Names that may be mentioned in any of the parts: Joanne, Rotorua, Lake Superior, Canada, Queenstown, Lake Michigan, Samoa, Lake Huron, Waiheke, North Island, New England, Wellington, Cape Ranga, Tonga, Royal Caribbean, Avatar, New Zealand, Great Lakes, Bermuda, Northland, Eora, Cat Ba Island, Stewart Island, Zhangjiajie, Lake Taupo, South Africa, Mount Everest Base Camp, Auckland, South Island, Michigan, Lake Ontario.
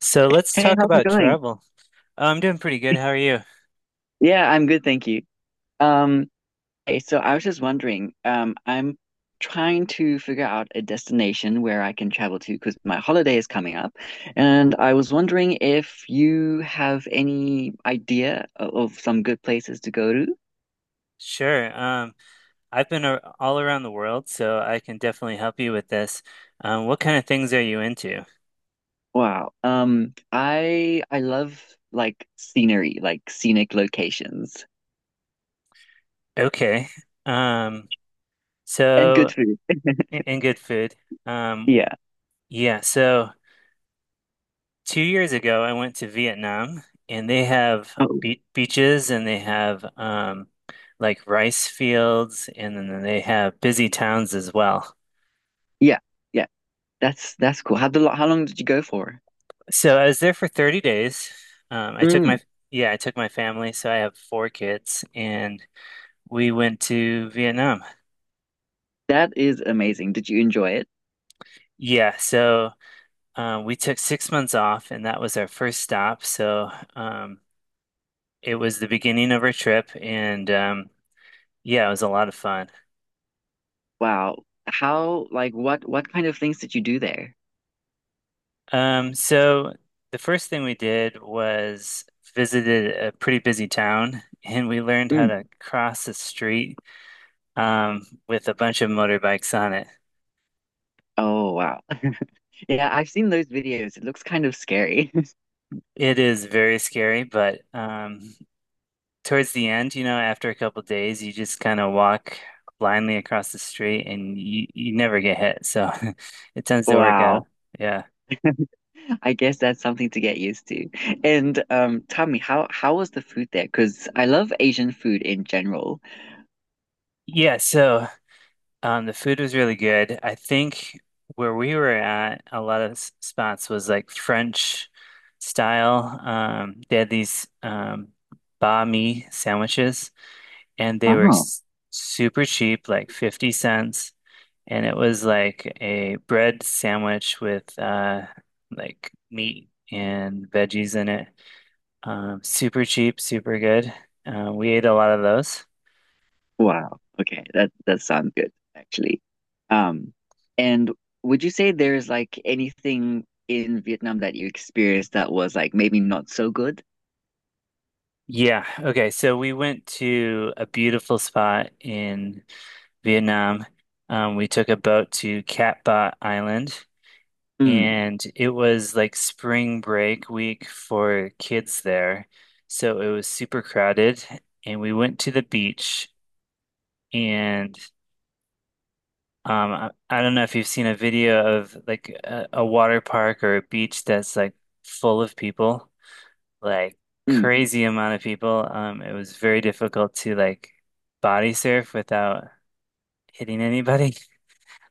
So let's Hey, talk how's it about going? travel. Oh, I'm doing pretty good. How are you? Yeah, I'm good, thank you. Um, hey, so I was just wondering, I'm trying to figure out a destination where I can travel to because my holiday is coming up, and I was wondering if you have any idea of some good places to go to. Sure. I've been a all around the world, so I can definitely help you with this. What kind of things are you into? Wow. I love like scenery, like scenic locations Okay. Um, and good so food. and good food. Um, Yeah. yeah, so 2 years ago I went to Vietnam, and they have Oh, be beaches, and they have like rice fields, and then they have busy towns as well. yeah, yeah. That's cool. How how long did you go for? So I was there for 30 days. Um, I took my yeah, I took my family, so I have four kids, and we went to Vietnam. That is amazing. Did you enjoy it? Yeah, so we took 6 months off, and that was our first stop. Um, it was the beginning of our trip, and yeah, it was a lot of fun. Wow. How, like, what kind of things did you do there? Um, so the first thing we did was visited a pretty busy town, and we learned how Mm. to cross the street with a bunch of motorbikes on it. Oh, wow. Yeah, I've seen those videos. It looks kind of scary. It is very scary, but towards the end, after a couple days, you just kind of walk blindly across the street, and you never get hit. So it tends to work Wow. out. Yeah. I guess that's something to get used to. And tell me, how was the food there? Because I love Asian food in general. Yeah. The food was really good. I think where we were at, a lot of spots was like French style. They had these banh mi sandwiches, and they were Oh, s super cheap, like 50¢. And it was like a bread sandwich with like meat and veggies in it. Super cheap, super good. We ate a lot of those. wow. Okay, that sounds good actually. Um, and would you say there's like anything in Vietnam that you experienced that was like maybe not so good? Yeah. Okay. So we went to a beautiful spot in Vietnam. We took a boat to Cat Ba Island, and it was like spring break week for kids there. So it was super crowded, and we went to the beach, and I don't know if you've seen a video of like a water park or a beach that's like full of people, like Mm. crazy amount of people. It was very difficult to like body surf without hitting anybody.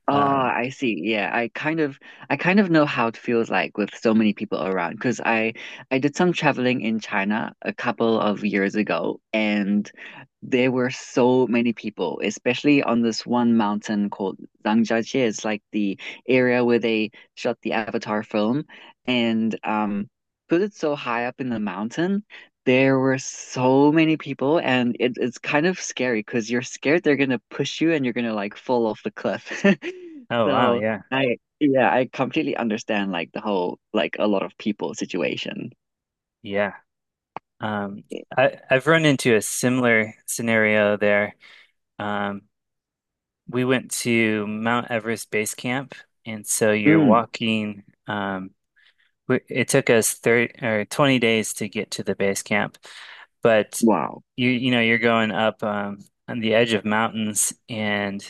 Ah, Um, I see. Yeah, I kind of know how it feels like with so many people around because I did some traveling in China a couple of years ago and there were so many people, especially on this one mountain called Zhangjiajie. It's like the area where they shot the Avatar film, and because it's so high up in the mountain, there were so many people, and it's kind of scary because you're scared they're gonna push you and you're gonna like fall off the cliff. oh wow, So yeah, yeah, I completely understand like the whole like a lot of people situation. yeah. Um, I've run into a similar scenario there. Um, we went to Mount Everest Base Camp, and so you're Mm, walking. It took us 30 or 20 days to get to the base camp, but wow. You know you're going up on the edge of mountains, and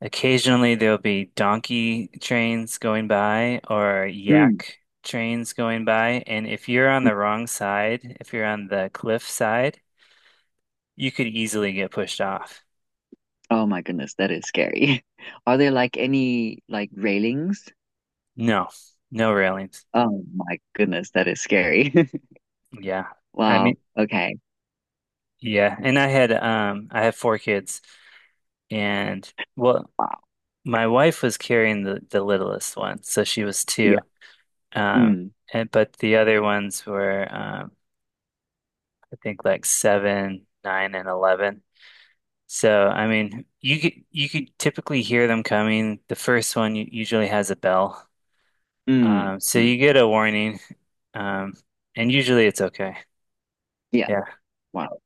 occasionally there'll be donkey trains going by or Mm, yak trains going by, and if you're on the wrong side, if you're on the cliff side, you could easily get pushed off. oh my goodness, that is scary. Are there like any like railings? No, no railings. Oh my goodness, that is scary. Yeah. I mean, Wow. Okay. yeah. And I had I have four kids and well. Wow. My wife was carrying the littlest one, so she was Yeah. two. Um, Mm, and but the other ones were, I think like seven, 9, and 11. So I mean, you could typically hear them coming. The first one usually has a bell, mm, so mm. you get a warning, um, and usually it's okay. Yeah. Yeah, Wow.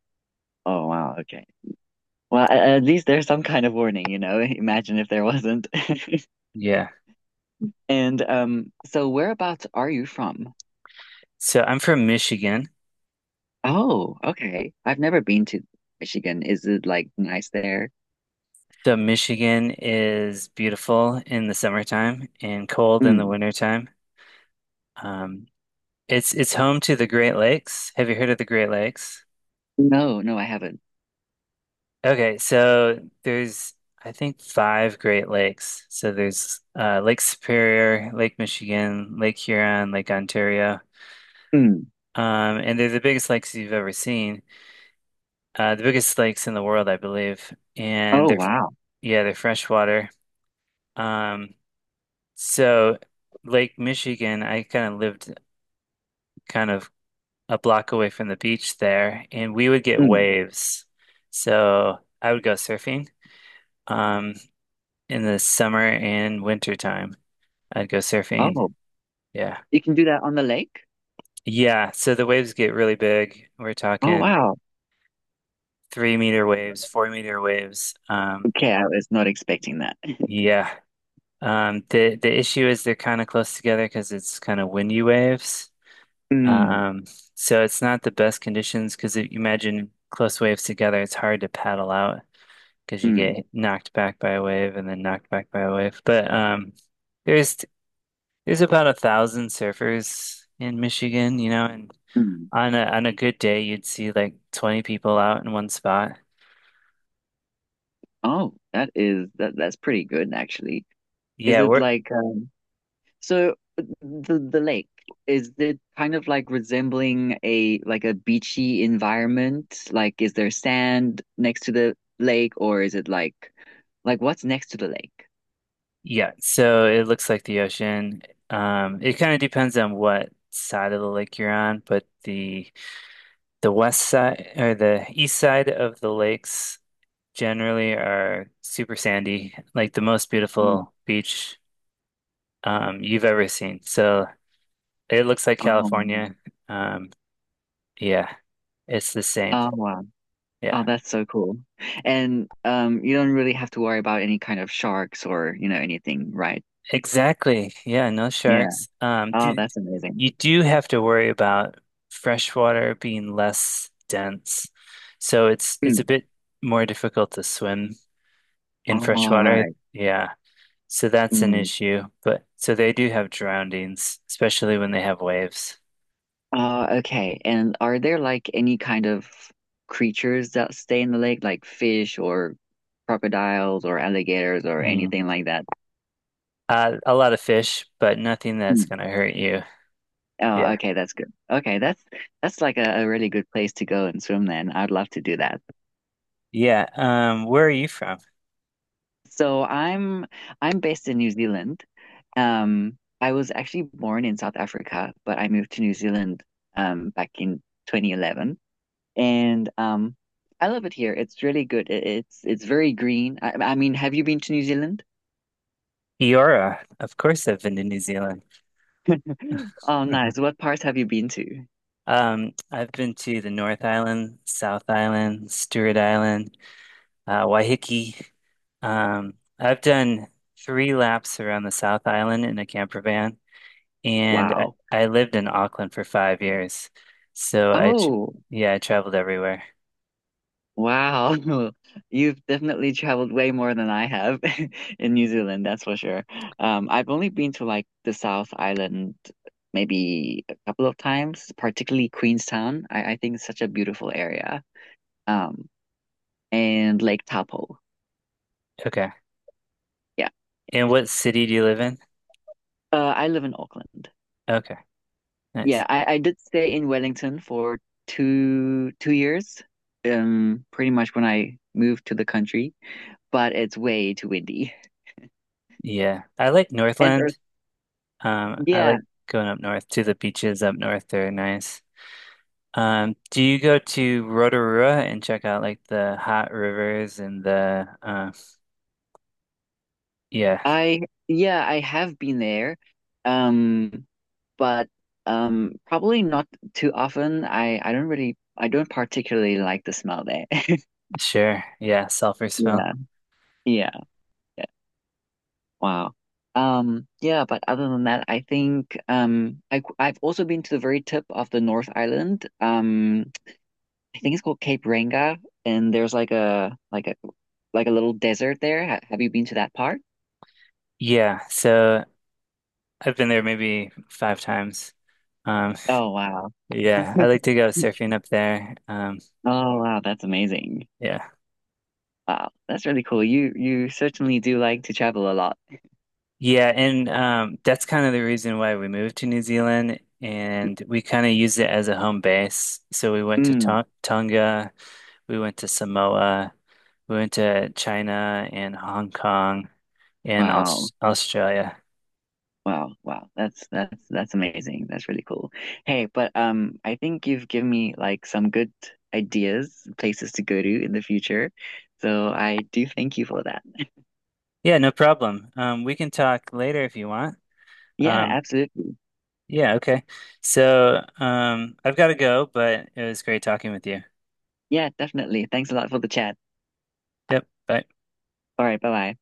Oh wow. Okay. Well, at least there's some kind of warning. Imagine if there wasn't. yeah. And so whereabouts are you from? So I'm from Michigan. Oh, okay. I've never been to Michigan. Is it like nice there? So Michigan is beautiful in the summertime and cold in the Mm. wintertime. Um. It's home to the Great Lakes. Have you heard of the Great Lakes? No, no, I haven't. Okay, so there's I think 5 Great Lakes. So there's Lake Superior, Lake Michigan, Lake Huron, Lake Ontario, Mm. And they're the biggest lakes you've ever seen. The biggest lakes in the world, I believe, and Oh, they're wow. yeah they're freshwater. Um, so Lake Michigan, I kind of lived kind of a block away from the beach there, and we would get Mm. waves. So I would go surfing um, in the summer and winter time. I'd go surfing. Oh, Yeah. you can do that on the lake? Yeah. So the waves get really big. We're Oh, talking wow. 3 meter waves, 4 meter waves. Okay, I was not expecting that. yeah. The issue is they're kind of close together because it's kind of windy waves. Mm. Um, it's not the best conditions, because if you imagine close waves together, it's hard to paddle out, because you Mm. get knocked back by a wave and then knocked back by a wave. But there's there's about 1,000 surfers in Michigan, you know, and Mm. On a good day you'd see like 20 people out in one spot. Oh, that's pretty good actually. Is Yeah, it we're like So the lake, is it kind of like resembling a like a beachy environment? Like is there sand next to the lake or is it like what's next to the lake? yeah, so it looks like the ocean. It kind of depends on what side of the lake you're on, but the west side or the east side of the lakes generally are super sandy. Like the most Mm. beautiful beach you've ever seen. So it looks like Oh, California. Um, yeah, it's the same. oh wow. Oh, Yeah, that's so cool. And you don't really have to worry about any kind of sharks or anything, right? exactly. Yeah, no Yeah. sharks. Oh, that's amazing. You do have to worry about freshwater being less dense. So it's a Mm. bit more difficult to swim in All freshwater. right. Yeah. So that's an Mm. issue. But so they do have drownings, especially when they have waves. Okay. And are there like any kind of creatures that stay in the lake, like fish or crocodiles or alligators or Mm. anything like that? A lot of fish, but nothing that's Mm. going to hurt you. Oh, Yeah. okay, that's good. Okay, that's like a really good place to go and swim then. I'd love to do that. Yeah, where are you from? So I'm based in New Zealand. I was actually born in South Africa, but I moved to New Zealand back in 2011. And I love it here. It's really good. It's very green. I mean, have you been to New Zealand? Eora. Of course, I've been to New Zealand. Oh, nice. What parts have you been to? I've been to the North Island, South Island, Stewart Island, Waiheke. I've done three laps around the South Island in a camper van, and Wow. I lived in Auckland for 5 years. So I, tr Oh, yeah, I traveled everywhere. wow. You've definitely traveled way more than I have in New Zealand, that's for sure. I've only been to like the South Island maybe a couple of times, particularly Queenstown. I think it's such a beautiful area. Um, and Lake Taupo. Okay. Yeah. And what city do you live in? I live in Auckland. Okay, Yeah, nice. I did stay in Wellington for two years, pretty much when I moved to the country, but it's way too windy. Yeah, I like And earth, Northland. I yeah, like going up north to the beaches up north. They're nice. Do you go to Rotorua and check out like the hot rivers and the yeah, I yeah, I have been there, um, but probably not too often. I don't really I don't particularly like the smell there. sure. Yeah, sulfur smell. Yeah, yeah, yeah. Wow. Yeah, but other than that, I think I've also been to the very tip of the North Island. I think it's called Cape Ranga, and there's like a little desert there. Ha have you been to that part? Yeah, so I've been there maybe 5 times. Um, Oh wow. yeah, I like to go surfing up there. Oh wow, that's amazing. Yeah. Wow, that's really cool. You certainly do like to travel a lot. Yeah, and that's kind of the reason why we moved to New Zealand, and we kind of used it as a home base. So we went to Mm, Tonga, we went to Samoa. We went to China and Hong Kong and wow. Australia. Wow, wow. That's amazing. That's really cool. Hey, but I think you've given me like some good ideas, places to go to in the future. So I do thank you for that. Yeah, no problem. We can talk later if you want. Yeah, Um, absolutely. yeah, okay. So, I've got to go, but it was great talking with you. Yeah, definitely. Thanks a lot for the chat. Yep, bye. All right, bye-bye.